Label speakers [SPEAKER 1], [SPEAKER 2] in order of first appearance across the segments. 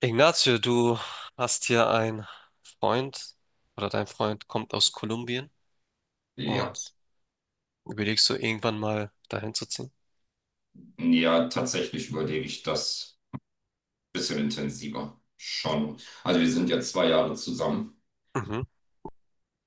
[SPEAKER 1] Ignacio, du hast hier einen Freund oder dein Freund kommt aus Kolumbien
[SPEAKER 2] Ja,
[SPEAKER 1] und überlegst du irgendwann mal dahin zu ziehen?
[SPEAKER 2] ja, tatsächlich überlege ich das ein bisschen intensiver. Schon. Also wir sind ja 2 Jahre zusammen.
[SPEAKER 1] Mhm.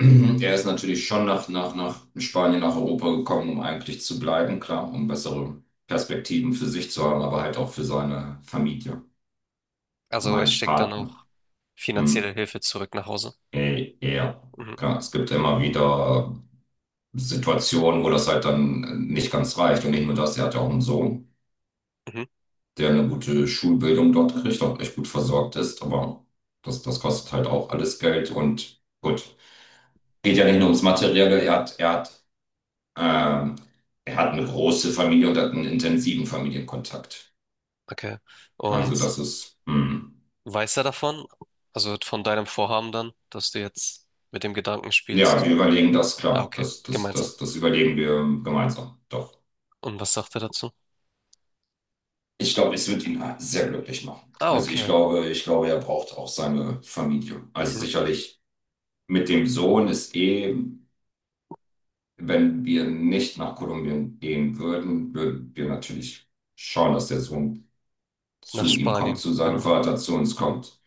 [SPEAKER 2] Er ist natürlich schon nach Spanien, nach Europa gekommen, um eigentlich zu bleiben, klar, um bessere Perspektiven für sich zu haben, aber halt auch für seine Familie,
[SPEAKER 1] Also es
[SPEAKER 2] mein
[SPEAKER 1] steckt dann
[SPEAKER 2] Partner.
[SPEAKER 1] auch
[SPEAKER 2] Hm.
[SPEAKER 1] finanzielle Hilfe zurück nach Hause.
[SPEAKER 2] Ey, ja,
[SPEAKER 1] Mhm.
[SPEAKER 2] klar, es gibt immer wieder Situationen, wo das halt dann nicht ganz reicht. Und nicht nur das, er hat ja auch einen Sohn,
[SPEAKER 1] Mhm.
[SPEAKER 2] der eine gute Schulbildung dort kriegt, auch echt gut versorgt ist, aber das kostet halt auch alles Geld. Und gut, geht ja nicht nur ums Materielle, er hat ähm, er hat eine große Familie und hat einen intensiven Familienkontakt.
[SPEAKER 1] Okay.
[SPEAKER 2] Also
[SPEAKER 1] Und
[SPEAKER 2] das ist, hm.
[SPEAKER 1] weiß er davon? Also von deinem Vorhaben dann, dass du jetzt mit dem Gedanken
[SPEAKER 2] Ja,
[SPEAKER 1] spielst.
[SPEAKER 2] wir überlegen das,
[SPEAKER 1] Ah,
[SPEAKER 2] klar,
[SPEAKER 1] okay.
[SPEAKER 2] das, das,
[SPEAKER 1] Gemeinsam.
[SPEAKER 2] das, das überlegen wir gemeinsam, doch.
[SPEAKER 1] Und was sagt er dazu?
[SPEAKER 2] Ich glaube, es wird ihn sehr glücklich machen.
[SPEAKER 1] Ah,
[SPEAKER 2] Also ich
[SPEAKER 1] okay.
[SPEAKER 2] glaube, ich glaube, er braucht auch seine Familie. Also
[SPEAKER 1] Mhm.
[SPEAKER 2] sicherlich mit dem Sohn ist eh. Wenn wir nicht nach Kolumbien gehen würden, würden wir natürlich schauen, dass der Sohn
[SPEAKER 1] Nach
[SPEAKER 2] zu ihm kommt,
[SPEAKER 1] Spanien,
[SPEAKER 2] zu seinem
[SPEAKER 1] genau.
[SPEAKER 2] Vater, zu uns kommt.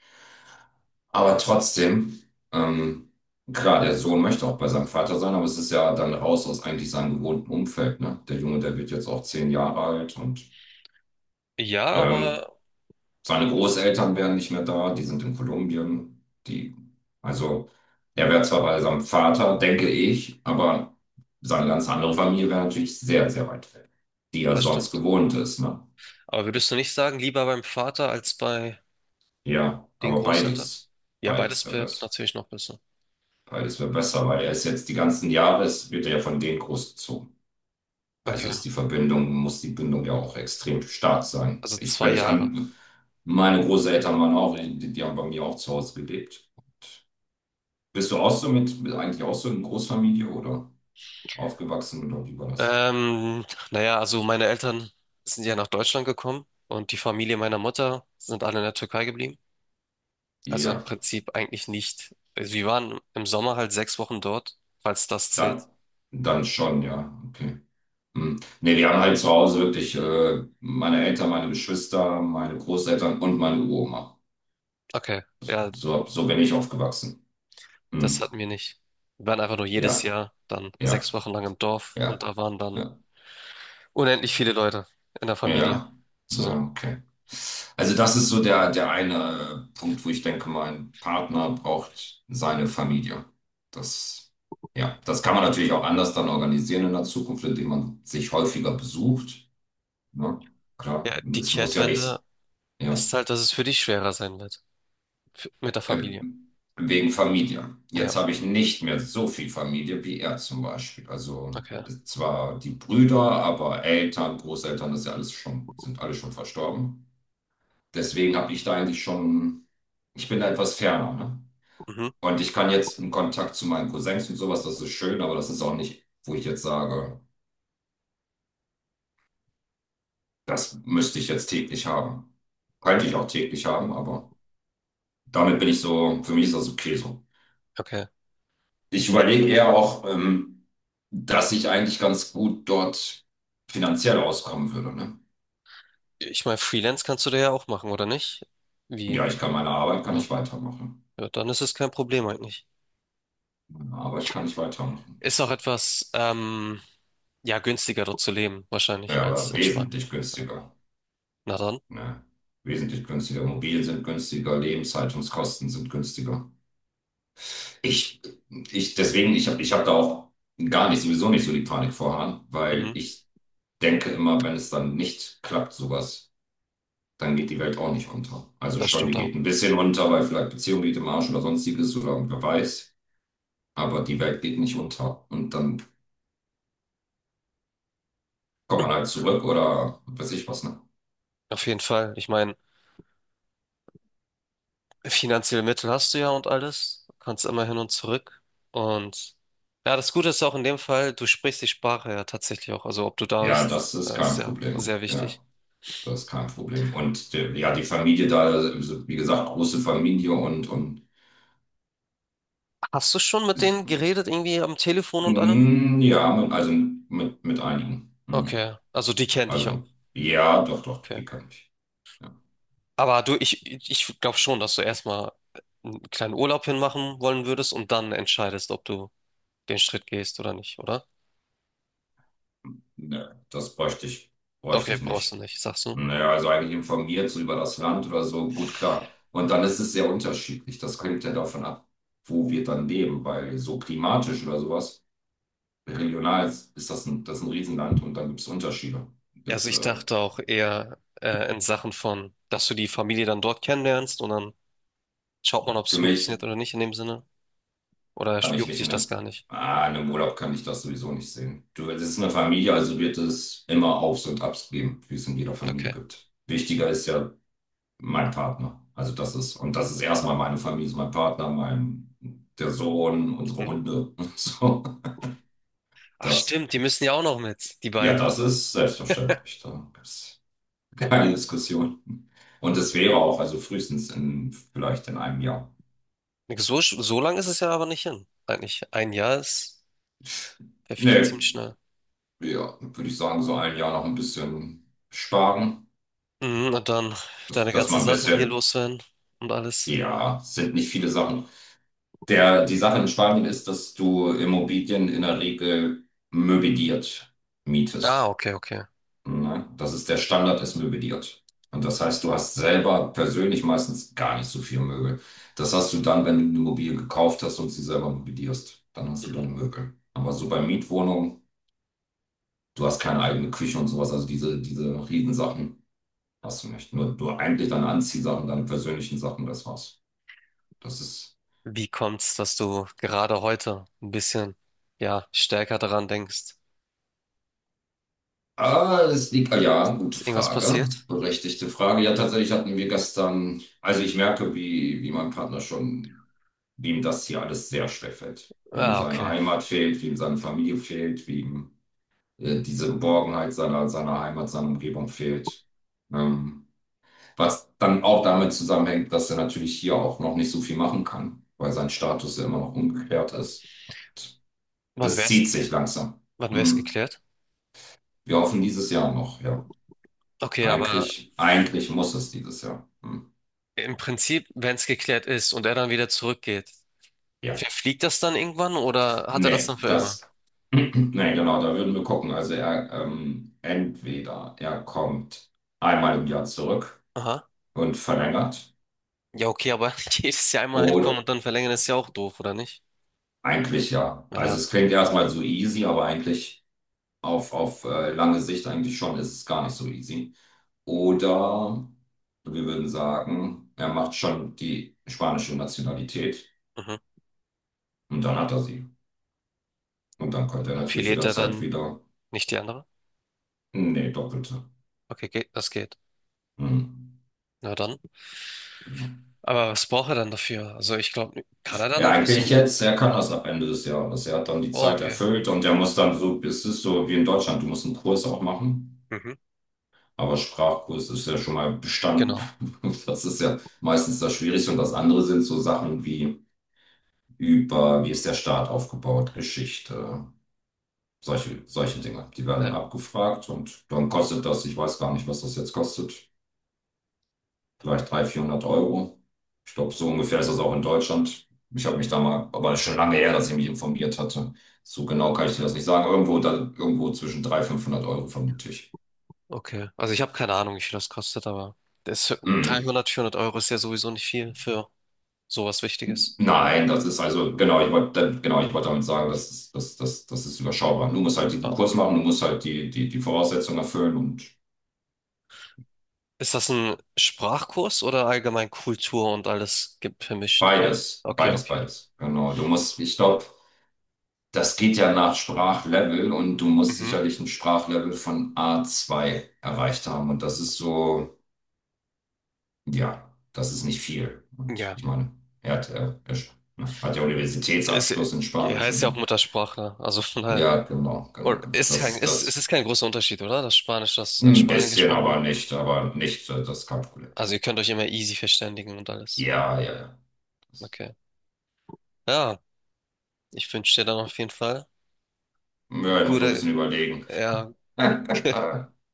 [SPEAKER 2] Aber trotzdem, ähm, klar, der Sohn möchte auch bei seinem Vater sein, aber es ist ja dann raus aus eigentlich seinem gewohnten Umfeld, ne? Der Junge, der wird jetzt auch 10 Jahre alt und
[SPEAKER 1] Ja,
[SPEAKER 2] ähm,
[SPEAKER 1] aber
[SPEAKER 2] seine Großeltern wären nicht mehr da, die sind in Kolumbien. Die, also, er wäre zwar bei seinem Vater, denke ich, aber seine ganz andere Familie wäre natürlich sehr, sehr weit weg, die er
[SPEAKER 1] das
[SPEAKER 2] sonst
[SPEAKER 1] stimmt.
[SPEAKER 2] gewohnt ist, ne?
[SPEAKER 1] Aber würdest du nicht sagen, lieber beim Vater als bei
[SPEAKER 2] Ja,
[SPEAKER 1] den
[SPEAKER 2] aber
[SPEAKER 1] Großeltern?
[SPEAKER 2] beides,
[SPEAKER 1] Ja,
[SPEAKER 2] beides
[SPEAKER 1] beides
[SPEAKER 2] wäre
[SPEAKER 1] wird
[SPEAKER 2] besser.
[SPEAKER 1] natürlich noch besser.
[SPEAKER 2] Beides wäre besser, weil er ist jetzt die ganzen Jahre, es wird er ja von denen großgezogen. Also
[SPEAKER 1] Okay,
[SPEAKER 2] ist die Verbindung, muss die Bindung ja auch extrem stark sein.
[SPEAKER 1] also
[SPEAKER 2] Ich,
[SPEAKER 1] zwei
[SPEAKER 2] wenn ich
[SPEAKER 1] Jahre.
[SPEAKER 2] an meine Großeltern waren auch, die, die haben bei mir auch zu Hause gelebt. Bist du auch so mit eigentlich auch so in Großfamilie oder aufgewachsen oder wie war das?
[SPEAKER 1] Ähm, naja, also meine Eltern sind ja nach Deutschland gekommen und die Familie meiner Mutter sind alle in der Türkei geblieben. Also im
[SPEAKER 2] Ja,
[SPEAKER 1] Prinzip eigentlich nicht. Also wir waren im Sommer halt 6 Wochen dort, falls das zählt.
[SPEAKER 2] dann, dann schon, ja, okay. Hm. Nee, wir haben halt zu Hause wirklich meine Eltern, meine Geschwister, meine Großeltern und meine Uroma.
[SPEAKER 1] Okay, ja,
[SPEAKER 2] So, so bin ich aufgewachsen.
[SPEAKER 1] das
[SPEAKER 2] Hm.
[SPEAKER 1] hatten wir nicht. Wir waren einfach nur jedes
[SPEAKER 2] Ja,
[SPEAKER 1] Jahr dann sechs
[SPEAKER 2] ja,
[SPEAKER 1] Wochen lang im Dorf und
[SPEAKER 2] ja.
[SPEAKER 1] da waren dann
[SPEAKER 2] Ja.
[SPEAKER 1] unendlich viele Leute in der Familie
[SPEAKER 2] Ja,
[SPEAKER 1] zusammen.
[SPEAKER 2] ja, okay. Also das ist so der, der eine Punkt, wo ich denke, mein Partner braucht seine Familie. Das, ja, das kann man natürlich auch anders dann organisieren in der Zukunft, indem man sich häufiger besucht. Ne? Klar,
[SPEAKER 1] Ja, die
[SPEAKER 2] es muss ja
[SPEAKER 1] Kehrtwende
[SPEAKER 2] nicht, ja,
[SPEAKER 1] ist halt, dass es für dich schwerer sein wird. Mit der Familie.
[SPEAKER 2] wegen Familie. Jetzt
[SPEAKER 1] Ja,
[SPEAKER 2] habe ich nicht mehr so viel Familie wie er zum Beispiel. Also
[SPEAKER 1] okay.
[SPEAKER 2] zwar die Brüder, aber Eltern, Großeltern, das ist ja alles schon, sind alle schon verstorben. Deswegen habe ich da eigentlich schon, ich bin da etwas ferner, ne?
[SPEAKER 1] Mhm.
[SPEAKER 2] Und ich kann jetzt einen Kontakt zu meinen Cousins und sowas, das ist schön, aber das ist auch nicht, wo ich jetzt sage, das müsste ich jetzt täglich haben. Könnte ich auch täglich haben, aber damit bin ich so, für mich ist das okay so.
[SPEAKER 1] Okay.
[SPEAKER 2] Ich
[SPEAKER 1] Ja,
[SPEAKER 2] überlege eher auch, dass ich eigentlich ganz gut dort finanziell auskommen würde, ne?
[SPEAKER 1] ich meine, Freelance kannst du da ja auch machen, oder nicht? Wie?
[SPEAKER 2] Ja, ich kann meine Arbeit, kann
[SPEAKER 1] Genau.
[SPEAKER 2] ich weitermachen.
[SPEAKER 1] Ja, dann ist es kein Problem eigentlich.
[SPEAKER 2] Meine Arbeit kann ich weitermachen.
[SPEAKER 1] Ist
[SPEAKER 2] Ich,
[SPEAKER 1] auch etwas, ja, günstiger dort zu leben, wahrscheinlich,
[SPEAKER 2] ja,
[SPEAKER 1] als
[SPEAKER 2] aber
[SPEAKER 1] in Spanien.
[SPEAKER 2] wesentlich
[SPEAKER 1] Ja.
[SPEAKER 2] günstiger.
[SPEAKER 1] Na dann,
[SPEAKER 2] Ne? Wesentlich günstiger. Immobilien sind günstiger, Lebenshaltungskosten sind günstiger. Ich, ich, deswegen, ich hab da auch gar nicht, sowieso nicht so die Panik vorhaben, weil
[SPEAKER 1] mhm.
[SPEAKER 2] ich denke immer, wenn es dann nicht klappt, sowas, dann geht die Welt auch nicht unter. Also
[SPEAKER 1] Das
[SPEAKER 2] schon,
[SPEAKER 1] stimmt
[SPEAKER 2] die geht
[SPEAKER 1] auch.
[SPEAKER 2] ein bisschen unter, weil vielleicht Beziehung geht im Arsch oder sonstiges oder wer weiß. Aber die Welt geht nicht unter. Und dann kommt man halt zurück oder weiß ich was, ne?
[SPEAKER 1] Auf jeden Fall. Ich meine, finanzielle Mittel hast du ja und alles. Kannst immer hin und zurück. Und ja, das Gute ist auch in dem Fall, du sprichst die Sprache ja tatsächlich auch. Also, ob du da
[SPEAKER 2] Ja,
[SPEAKER 1] bist,
[SPEAKER 2] das ist
[SPEAKER 1] das
[SPEAKER 2] kein
[SPEAKER 1] ist ja
[SPEAKER 2] Problem.
[SPEAKER 1] sehr
[SPEAKER 2] Ja.
[SPEAKER 1] wichtig.
[SPEAKER 2] Das ist kein Problem. Und der, ja, die Familie da, also, wie gesagt, große Familie und
[SPEAKER 1] Hast du schon mit
[SPEAKER 2] ist-
[SPEAKER 1] denen geredet, irgendwie am Telefon und allem?
[SPEAKER 2] mm, ja, mit einigen. Hm.
[SPEAKER 1] Okay, also die kennt ich auch.
[SPEAKER 2] Also, ja, doch, doch,
[SPEAKER 1] Okay.
[SPEAKER 2] die kann ich. Ja.
[SPEAKER 1] Aber ich glaube schon, dass du erstmal einen kleinen Urlaub hinmachen wollen würdest und dann entscheidest, ob du den Schritt gehst oder nicht, oder?
[SPEAKER 2] Ne, bräuchte
[SPEAKER 1] Okay,
[SPEAKER 2] ich
[SPEAKER 1] brauchst du
[SPEAKER 2] nicht.
[SPEAKER 1] nicht, sagst du.
[SPEAKER 2] Naja, also eigentlich informiert so über das Land oder so, gut, klar. Und dann ist es sehr unterschiedlich. Das hängt ja davon ab, wo wir dann leben, weil so klimatisch oder sowas, regional ist, ist das ist ein Riesenland und dann gibt es Unterschiede.
[SPEAKER 1] Ja, also
[SPEAKER 2] Gibt's,
[SPEAKER 1] ich dachte auch eher in Sachen von, dass du die Familie dann dort kennenlernst und dann schaut man, ob es
[SPEAKER 2] für
[SPEAKER 1] funktioniert
[SPEAKER 2] mich.
[SPEAKER 1] oder nicht in dem Sinne. Oder
[SPEAKER 2] Kann ich
[SPEAKER 1] juckt
[SPEAKER 2] nicht
[SPEAKER 1] dich
[SPEAKER 2] in
[SPEAKER 1] das
[SPEAKER 2] einem,
[SPEAKER 1] gar nicht?
[SPEAKER 2] in einem Urlaub kann ich das sowieso nicht sehen. Du, es ist eine Familie, also wird es immer Aufs und Abs geben, wie es in jeder Familie
[SPEAKER 1] Okay.
[SPEAKER 2] gibt. Wichtiger ist ja mein Partner. Also das ist, und das ist erstmal meine Familie, ist mein Partner, mein, der Sohn, unsere
[SPEAKER 1] Mhm.
[SPEAKER 2] Hunde. So,
[SPEAKER 1] Ach
[SPEAKER 2] das,
[SPEAKER 1] stimmt, die müssen ja auch noch mit, die
[SPEAKER 2] ja,
[SPEAKER 1] beiden.
[SPEAKER 2] das ist selbstverständlich. Da gibt's keine Diskussion. Und es wäre auch, also frühestens in, vielleicht in einem Jahr.
[SPEAKER 1] So lang ist es ja aber nicht hin. Eigentlich ein Jahr ist, verfliegt
[SPEAKER 2] Nee,
[SPEAKER 1] ziemlich schnell.
[SPEAKER 2] ja, würde ich sagen, so ein Jahr noch ein bisschen sparen.
[SPEAKER 1] Mhm, und dann
[SPEAKER 2] dass
[SPEAKER 1] deine
[SPEAKER 2] dass
[SPEAKER 1] ganzen
[SPEAKER 2] man ein
[SPEAKER 1] Sachen hier
[SPEAKER 2] bisschen,
[SPEAKER 1] loswerden und alles.
[SPEAKER 2] ja, sind nicht viele Sachen. Der, die Sache in Spanien ist, dass du Immobilien in der Regel möbliert
[SPEAKER 1] Ah,
[SPEAKER 2] mietest.
[SPEAKER 1] okay, okay.
[SPEAKER 2] Ne? Das ist der Standard, ist möbliert. Und das heißt, du hast selber persönlich meistens gar nicht so viel Möbel. Das hast du dann, wenn du eine Immobilie gekauft hast und sie selber möblierst. Dann hast du
[SPEAKER 1] Mhm.
[SPEAKER 2] deine Möbel. Aber so bei Mietwohnungen, du hast keine eigene Küche und sowas. Also diese Riesensachen hast du nicht. Nur eigentlich deine Anziehsachen, deine persönlichen Sachen, das war's. Das ist.
[SPEAKER 1] Wie kommt's, dass du gerade heute ein bisschen, ja, stärker daran denkst?
[SPEAKER 2] Ah, das liegt, ah, ja, gute
[SPEAKER 1] Ist irgendwas
[SPEAKER 2] Frage,
[SPEAKER 1] passiert?
[SPEAKER 2] berechtigte Frage. Ja, tatsächlich hatten wir gestern, also ich merke, wie mein Partner schon, wie ihm das hier alles sehr schwer fällt. Wie ihm
[SPEAKER 1] Ah,
[SPEAKER 2] seine
[SPEAKER 1] okay.
[SPEAKER 2] Heimat fehlt, wie ihm seine Familie fehlt, wie ihm diese Geborgenheit seiner, seiner Heimat, seiner Umgebung fehlt. Ähm, Was dann auch damit zusammenhängt, dass er natürlich hier auch noch nicht so viel machen kann, weil sein Status ja immer noch ungeklärt ist.
[SPEAKER 1] Wann
[SPEAKER 2] Das zieht
[SPEAKER 1] wär's,
[SPEAKER 2] sich langsam.
[SPEAKER 1] wann wär's
[SPEAKER 2] Hm.
[SPEAKER 1] geklärt?
[SPEAKER 2] Wir hoffen dieses Jahr noch, ja.
[SPEAKER 1] Okay, aber
[SPEAKER 2] Eigentlich muss es dieses Jahr. Hm.
[SPEAKER 1] im Prinzip, wenn es geklärt ist und er dann wieder zurückgeht,
[SPEAKER 2] Ja.
[SPEAKER 1] verfliegt das dann irgendwann oder hat er das dann
[SPEAKER 2] Nee,
[SPEAKER 1] für immer?
[SPEAKER 2] das. Nee, genau, da würden wir gucken. Also er entweder er kommt einmal im Jahr zurück
[SPEAKER 1] Aha.
[SPEAKER 2] und verlängert
[SPEAKER 1] Ja, okay, aber jedes Jahr einmal hinkommen
[SPEAKER 2] oder
[SPEAKER 1] und dann verlängern ist ja auch doof, oder nicht?
[SPEAKER 2] eigentlich ja. Also
[SPEAKER 1] Ja,
[SPEAKER 2] es klingt erstmal so easy, aber eigentlich auf, lange Sicht eigentlich schon ist es gar nicht so easy. Oder wir würden sagen, er macht schon die spanische Nationalität
[SPEAKER 1] mhm.
[SPEAKER 2] und dann hat er sie. Und dann könnte er natürlich
[SPEAKER 1] Verliert er
[SPEAKER 2] jederzeit
[SPEAKER 1] dann
[SPEAKER 2] wieder.
[SPEAKER 1] nicht die andere?
[SPEAKER 2] Nee, doppelte.
[SPEAKER 1] Okay, geht, das geht.
[SPEAKER 2] Hm.
[SPEAKER 1] Na dann.
[SPEAKER 2] Ja.
[SPEAKER 1] Aber was braucht er dann dafür? Also ich glaube, kann er dann
[SPEAKER 2] Ja,
[SPEAKER 1] einfach
[SPEAKER 2] eigentlich
[SPEAKER 1] so?
[SPEAKER 2] jetzt, er kann das ab Ende des Jahres. Er hat dann die
[SPEAKER 1] Oh,
[SPEAKER 2] Zeit
[SPEAKER 1] okay.
[SPEAKER 2] erfüllt und er muss dann so, es ist so wie in Deutschland, du musst einen Kurs auch machen.
[SPEAKER 1] Mhm.
[SPEAKER 2] Aber Sprachkurs ist ja schon mal bestanden.
[SPEAKER 1] Genau.
[SPEAKER 2] Das ist ja meistens das Schwierigste. Und das andere sind so Sachen wie über, wie ist der Staat aufgebaut, Geschichte, solche Dinge. Die werden dann
[SPEAKER 1] Ja,
[SPEAKER 2] abgefragt und dann kostet das, ich weiß gar nicht, was das jetzt kostet, vielleicht 300, 400 Euro. Ich glaube, so ungefähr ist das auch in Deutschland. Ich habe mich da mal, aber das ist schon lange her, dass ich mich informiert hatte. So genau kann ich dir das nicht sagen. Irgendwo, da, irgendwo zwischen 300, 500 Euro, vermute ich.
[SPEAKER 1] okay. Also ich habe keine Ahnung, wie viel das kostet, aber das
[SPEAKER 2] Mhm.
[SPEAKER 1] 300, 400 Euro ist ja sowieso nicht viel für sowas Wichtiges.
[SPEAKER 2] Nein, das ist also, genau, ich wollte damit sagen, das ist, das ist überschaubar. Du musst halt diesen
[SPEAKER 1] Ah,
[SPEAKER 2] Kurs machen, du musst halt die Voraussetzungen erfüllen und
[SPEAKER 1] ist das ein Sprachkurs oder allgemein Kultur und alles vermischt?
[SPEAKER 2] beides,
[SPEAKER 1] Okay,
[SPEAKER 2] beides,
[SPEAKER 1] okay.
[SPEAKER 2] beides. Genau, du musst, ich glaube, das geht ja nach Sprachlevel und du musst
[SPEAKER 1] Mhm.
[SPEAKER 2] sicherlich ein Sprachlevel von A2 erreicht haben. Und das ist so, ja, das ist nicht viel. Und
[SPEAKER 1] Ja.
[SPEAKER 2] ich meine, er hat, er sch- ne, hat ja
[SPEAKER 1] Es
[SPEAKER 2] Universitätsabschluss in Spanisch
[SPEAKER 1] heißt
[SPEAKER 2] und
[SPEAKER 1] ja auch
[SPEAKER 2] so.
[SPEAKER 1] Muttersprache, also von daher.
[SPEAKER 2] Ja, genau, genau,
[SPEAKER 1] Oder
[SPEAKER 2] genau.
[SPEAKER 1] ist
[SPEAKER 2] Das
[SPEAKER 1] kein,
[SPEAKER 2] ist
[SPEAKER 1] ist, es
[SPEAKER 2] das.
[SPEAKER 1] ist kein großer Unterschied, oder? Das Spanisch, das in
[SPEAKER 2] Ein
[SPEAKER 1] Spanien
[SPEAKER 2] bisschen,
[SPEAKER 1] gesprochen wird.
[SPEAKER 2] aber nicht, das ist kein Problem.
[SPEAKER 1] Also ihr könnt euch immer easy verständigen und alles.
[SPEAKER 2] Ja, ja, ja. Das,
[SPEAKER 1] Okay. Ja, ich wünsche dir dann auf jeden Fall
[SPEAKER 2] ja, ich muss so ein
[SPEAKER 1] gute,
[SPEAKER 2] bisschen überlegen.
[SPEAKER 1] ja,